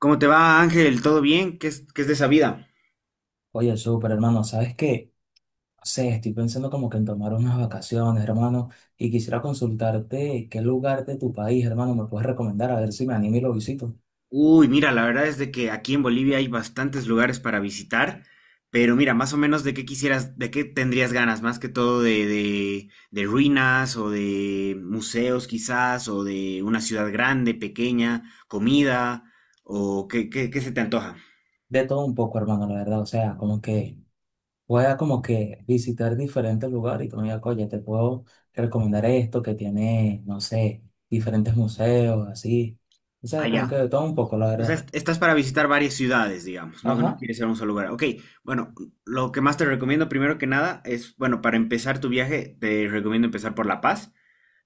¿Cómo te va, Ángel? ¿Todo bien? Qué es de esa vida? Oye, súper hermano, ¿sabes qué? No sé, estoy pensando como que en tomar unas vacaciones, hermano, y quisiera consultarte qué lugar de tu país, hermano, me puedes recomendar, a ver si me animo y lo visito. Uy, mira, la verdad es de que aquí en Bolivia hay bastantes lugares para visitar, pero mira, más o menos de qué quisieras, de qué tendrías ganas, más que todo de ruinas o de museos quizás, o de una ciudad grande, pequeña, comida, o qué se te antoja De todo un poco, hermano, la verdad, o sea, como que pueda como que visitar diferentes lugares y tú me digas, oye, te puedo recomendar esto que tiene, no sé, diferentes museos, así. O sea, como allá. que de todo un poco, la O sea, verdad. Estás para visitar varias ciudades, digamos, no Ajá, quieres ir a un solo lugar. Ok, bueno, lo que más te recomiendo, primero que nada, es, bueno, para empezar tu viaje, te recomiendo empezar por La Paz.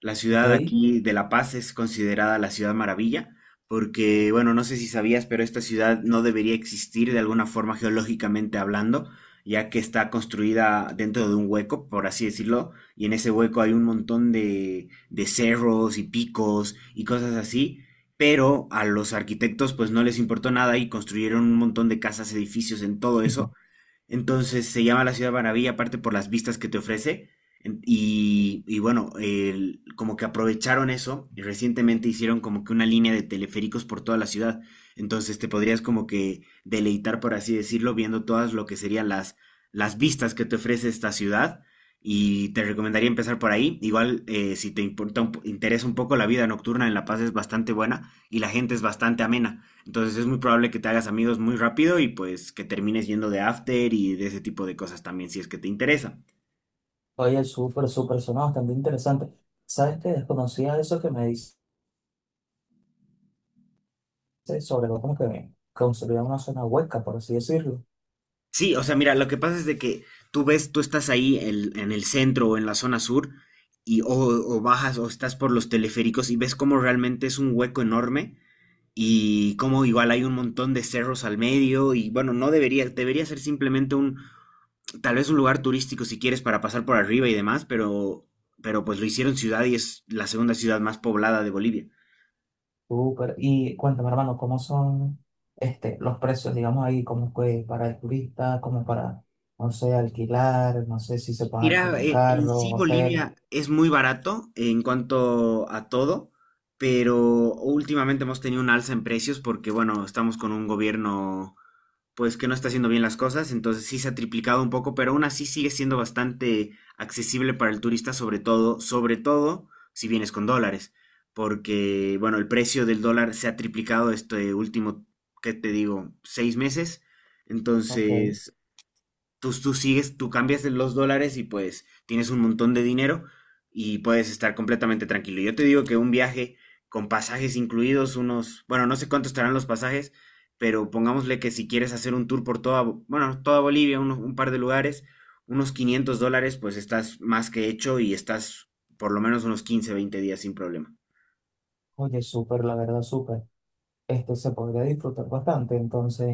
La ok. ciudad aquí de La Paz es considerada la ciudad maravilla, porque, bueno, no sé si sabías, pero esta ciudad no debería existir de alguna forma geológicamente hablando, ya que está construida dentro de un hueco, por así decirlo, y en ese hueco hay un montón de cerros y picos y cosas así, pero a los arquitectos pues no les importó nada y construyeron un montón de casas, edificios en todo eso, entonces se llama la Ciudad Maravilla, aparte por las vistas que te ofrece. Y bueno, como que aprovecharon eso y recientemente hicieron como que una línea de teleféricos por toda la ciudad. Entonces te podrías como que deleitar, por así decirlo, viendo todas lo que serían las vistas que te ofrece esta ciudad. Y te recomendaría empezar por ahí. Igual, si te importa interesa un poco, la vida nocturna en La Paz es bastante buena y la gente es bastante amena. Entonces es muy probable que te hagas amigos muy rápido y pues que termines yendo de after y de ese tipo de cosas también si es que te interesa. Oye, súper, súper sonado, bastante interesante. ¿Sabes qué? Desconocía eso que me dices. Sobre lo como que construir una zona hueca, por así decirlo. Sí, o sea, mira, lo que pasa es de que tú ves, tú estás ahí en el centro o en la zona sur y o bajas o estás por los teleféricos y ves cómo realmente es un hueco enorme y cómo igual hay un montón de cerros al medio y bueno, no debería, debería ser simplemente un, tal vez un lugar turístico si quieres para pasar por arriba y demás, pero, pues lo hicieron ciudad y es la segunda ciudad más poblada de Bolivia. Súper. Y cuéntame, hermano, ¿cómo son este, los precios, digamos ahí, como que para el turista, como para, no sé, alquilar, no sé si se puede Mira, alquilar en carro, sí hotel? Bolivia es muy barato en cuanto a todo, pero últimamente hemos tenido un alza en precios porque, bueno, estamos con un gobierno pues que no está haciendo bien las cosas, entonces sí se ha triplicado un poco, pero aún así sigue siendo bastante accesible para el turista, sobre todo si vienes con dólares, porque, bueno, el precio del dólar se ha triplicado este último, ¿qué te digo?, 6 meses. Ok, Entonces, tú sigues, tú cambias los dólares y pues tienes un montón de dinero y puedes estar completamente tranquilo. Yo te digo que un viaje con pasajes incluidos, unos, bueno, no sé cuánto estarán los pasajes, pero pongámosle que si quieres hacer un tour por toda, bueno, toda Bolivia, un par de lugares, unos $500, pues estás más que hecho y estás por lo menos unos 15 20 días sin problema. oye, súper, la verdad, súper. Este se podría disfrutar bastante, entonces,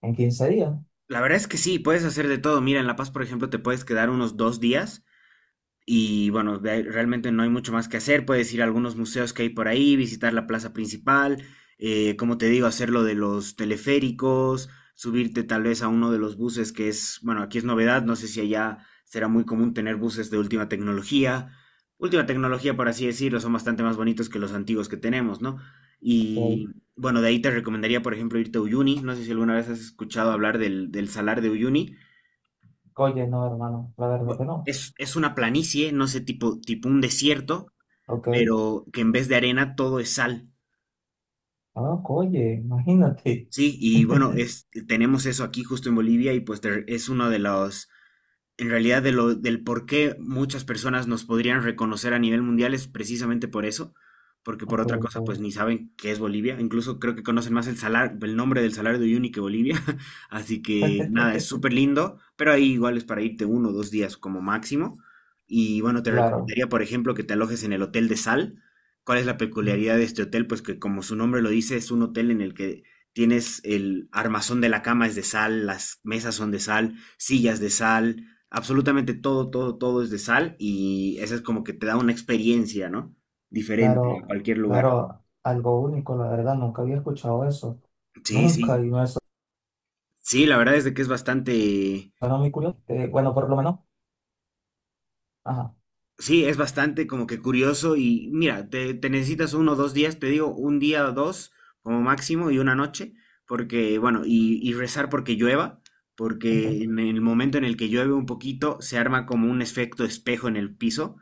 en 15 días. La verdad es que sí, puedes hacer de todo. Mira, en La Paz, por ejemplo, te puedes quedar unos 2 días. Y bueno, de ahí realmente no hay mucho más que hacer. Puedes ir a algunos museos que hay por ahí, visitar la plaza principal, como te digo, hacer lo de los teleféricos, subirte tal vez a uno de los buses que es, bueno, aquí es novedad, no sé si allá será muy común tener buses de última tecnología. Última tecnología, por así decirlo, son bastante más bonitos que los antiguos que tenemos, ¿no? Ok. Y bueno, de ahí te recomendaría, por ejemplo, irte a Uyuni. No sé si alguna vez has escuchado hablar del salar de Uyuni. Oye, no, hermano, la verdad que no. Es una planicie, no sé, tipo un desierto, Ok, pero que en vez de arena todo es sal. ah, oye, imagínate. Sí, y bueno, tenemos eso aquí justo en Bolivia y pues te- es uno de los en realidad, del por qué muchas personas nos podrían reconocer a nivel mundial es precisamente por eso, porque por Ok, otra cosa, ok. pues ni saben qué es Bolivia. Incluso creo que conocen más el salar, el nombre del Salario de Uyuni que Bolivia. Así que nada, es súper lindo, pero ahí igual es para irte uno o dos días como máximo. Y bueno, te Claro. recomendaría, por ejemplo, que te alojes en el Hotel de Sal. ¿Cuál es la peculiaridad de este hotel? Pues que como su nombre lo dice, es un hotel en el que tienes el armazón de la cama es de sal, las mesas son de sal, sillas de sal, absolutamente todo, todo, todo es de sal y eso es como que te da una experiencia, ¿no? Diferente a Claro, cualquier lugar. claro, algo único, la verdad, nunca había escuchado eso. Sí, Nunca, y sí. me Sí, la verdad es de que es bastante, suena muy curioso. Bueno, por lo menos, ajá, sí, es bastante como que curioso y mira, te, necesitas uno o dos días, te digo, un día o dos como máximo y una noche, porque, bueno, y rezar porque llueva, porque en el momento en el que llueve un poquito se arma como un efecto espejo en el piso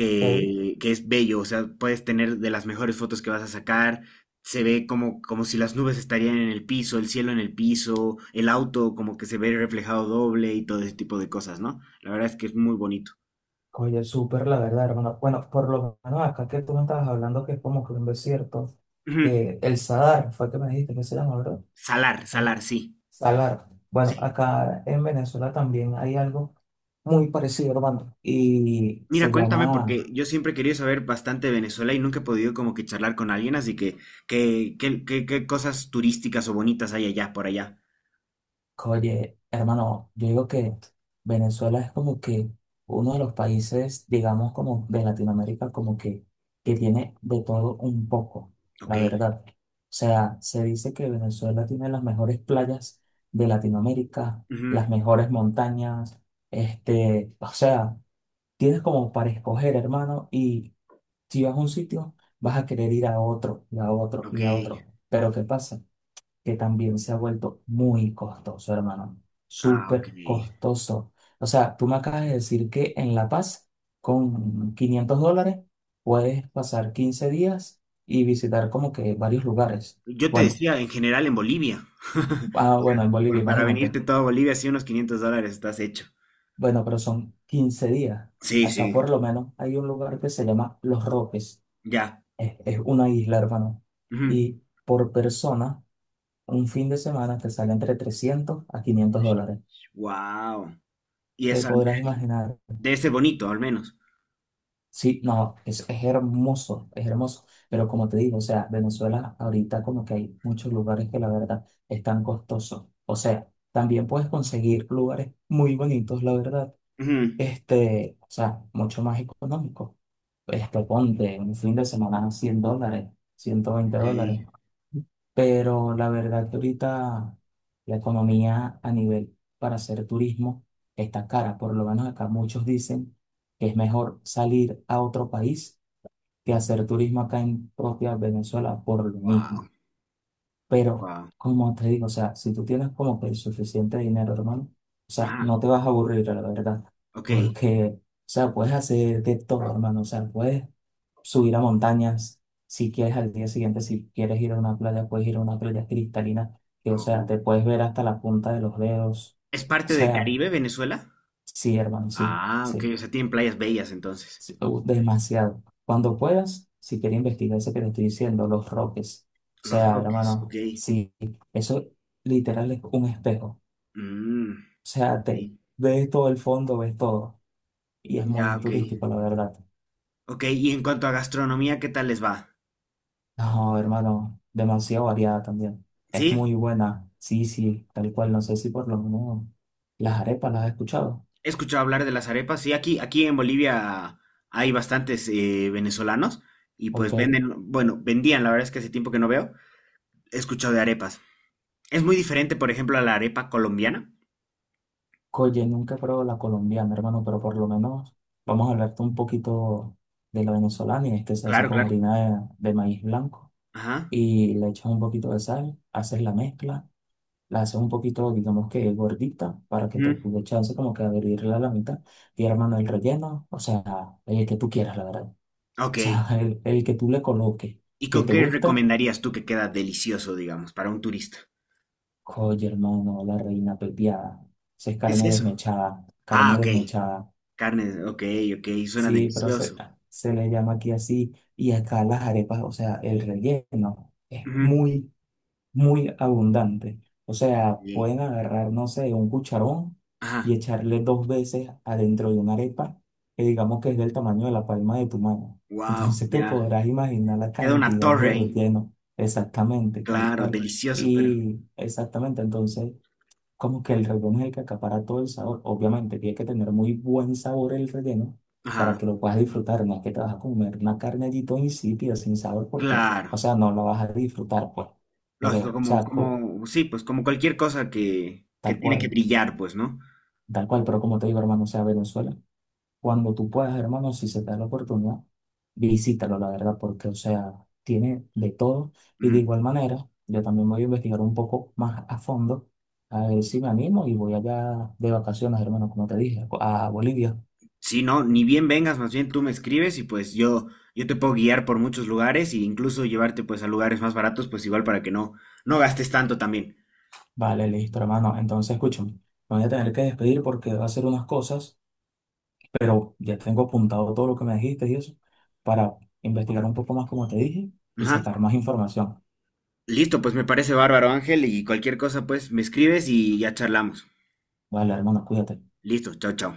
ok. que es bello, o sea, puedes tener de las mejores fotos que vas a sacar, se ve como si las nubes estarían en el piso, el cielo en el piso, el auto como que se ve reflejado doble y todo ese tipo de cosas, ¿no? La verdad es que es muy bonito. Oye, súper, la verdad, hermano. Bueno, por lo menos acá que tú me estabas hablando que es como que un desierto, Ujú. que el Sadar, fue que me dijiste que se llama, ¿verdad? Salar, salar, sí, Salar. Bueno, sí. acá en Venezuela también hay algo muy parecido, hermano, y Mira, se cuéntame, llama. porque yo siempre he querido saber bastante de Venezuela y nunca he podido como que charlar con alguien, así que, ¿qué cosas turísticas o bonitas hay allá, por allá? Oye, hermano, yo digo que Venezuela es como que uno de los países, digamos, como de Latinoamérica, como que tiene de todo un poco, Ok. la verdad. O sea, se dice que Venezuela tiene las mejores playas de Latinoamérica, Ujú. las mejores montañas, este, o sea, tienes como para escoger, hermano, y si vas a un sitio, vas a querer ir a otro, y a otro, Ok. y a otro. Pero ¿qué pasa? Que también se ha vuelto muy costoso, hermano. Ah, ok. Súper costoso. O sea, tú me acabas de decir que en La Paz, con 500 dólares, puedes pasar 15 días y visitar como que varios lugares. Yo te Bueno, decía, en general en Bolivia. ah, bueno, en Bolivia, Para imagínate. venirte todo a Bolivia, sí, unos $500 estás hecho. Bueno, pero son 15 días. Sí, Acá sí. por lo menos hay un lugar que se llama Los Roques. Ya. Es una isla, hermano. Y por persona, un fin de semana te sale entre 300 a 500 dólares. Wow. Y Te eso podrás imaginar. debe ser bonito, al menos. Sí, no, es hermoso, es hermoso. Pero como te digo, o sea, Venezuela ahorita como que hay muchos lugares que la verdad están costosos. O sea, también puedes conseguir lugares muy bonitos, la verdad, Ujú. este, o sea, mucho más económicos. Este, ponte un fin de semana 100 dólares, ciento veinte Ok. dólares. Pero la verdad que ahorita la economía a nivel para hacer turismo está cara. Por lo menos acá muchos dicen que es mejor salir a otro país que hacer turismo acá en propia Venezuela por lo mismo. Wow. Pero, Wow. como te digo, o sea, si tú tienes como que el suficiente dinero, hermano, o sea, Ah, no te vas a aburrir, la verdad. ok. Porque, o sea, puedes hacer de todo, hermano. O sea, puedes subir a montañas, si quieres al día siguiente, si quieres ir a una playa, puedes ir a una playa cristalina, que o sea, Oh. te puedes ver hasta la punta de los dedos. ¿Es O parte de sea, Caribe, Venezuela? sí, hermano, sí, Ah, ok. sí, O sea, tienen playas bellas entonces. sí, demasiado. Cuando puedas, si quieres investigar eso que te estoy diciendo, los roques. O Los sea, Roques, ok. hermano, sí, eso literal es un espejo. O Mm, sea, ok. te ves todo el fondo, ves todo. Y es Ya, muy ok. turístico, la verdad. Ok, y en cuanto a gastronomía, ¿qué tal les va? No, hermano, demasiado variada también. Es ¿Sí? muy buena. Sí, sí, tal cual. No sé si por lo menos las arepas las has escuchado. He escuchado hablar de las arepas. Sí, aquí en Bolivia hay bastantes venezolanos y pues Ok. venden, bueno, vendían, la verdad es que hace tiempo que no veo. He escuchado de arepas. Es muy diferente, por ejemplo, a la arepa colombiana. Oye, nunca he probado la colombiana, hermano, pero por lo menos vamos a hablarte un poquito de la venezolana y es que se hace Claro, con claro. harina de maíz blanco Ajá. y le echas un poquito de sal, haces la mezcla, la haces un poquito, digamos que gordita para que te Ujú. dé chance como que abrirla a la mitad y hermano el relleno, o sea, el que tú quieras, la verdad. O Ok. sea, el que tú le coloques, ¿Y que con te qué gusta, recomendarías tú que queda delicioso, digamos, para un turista? oye, hermano, la reina pepiada. Esa es ¿Qué es carne eso? desmechada, Ah, carne ok. desmechada. Carne, ok, ok, suena Sí, pero se, delicioso. se le llama aquí así. Y acá las arepas, o sea, el relleno es Ujú. muy muy abundante. O sea, Sí. pueden agarrar, no sé, un cucharón y Ajá. echarle dos veces adentro de una arepa que digamos que es del tamaño de la palma de tu mano. Wow, Entonces te ya. podrás imaginar la Queda una cantidad de torre ahí. relleno, exactamente, tal Claro, cual. delicioso, pero. Y exactamente, entonces como que el relleno es el que acapara todo el sabor. Obviamente, tiene que tener muy buen sabor el relleno para Ajá. que lo puedas disfrutar. No es que te vas a comer una carne allí toda insípida, sin sabor, porque, Claro, o sea, no la vas a disfrutar, pues. Pero, lógico, o como, sea, como, sí, pues como cualquier cosa que tal tiene que cual, brillar, pues, ¿no? tal cual. Pero como te digo, hermano, o sea, Venezuela, cuando tú puedas, hermano, si se te da la oportunidad, visítalo, la verdad, porque, o sea, tiene de todo. Y Ujú. de igual manera, yo también voy a investigar un poco más a fondo. A ver si me animo y voy allá de vacaciones, hermano, como te dije, a Bolivia. Sí, no, ni bien vengas, más bien tú me escribes y pues yo, te puedo guiar por muchos lugares e incluso llevarte pues a lugares más baratos, pues igual para que no gastes tanto también. Vale, listo, hermano. Entonces, escúchame, me voy a tener que despedir porque voy a hacer unas cosas, pero ya tengo apuntado todo lo que me dijiste y eso para investigar un poco más, como te dije, y Ajá. sacar más información. Listo, pues me parece bárbaro, Ángel, y cualquier cosa, pues me escribes y ya charlamos. Vale, hermano, cuídate. Listo, chao, chao.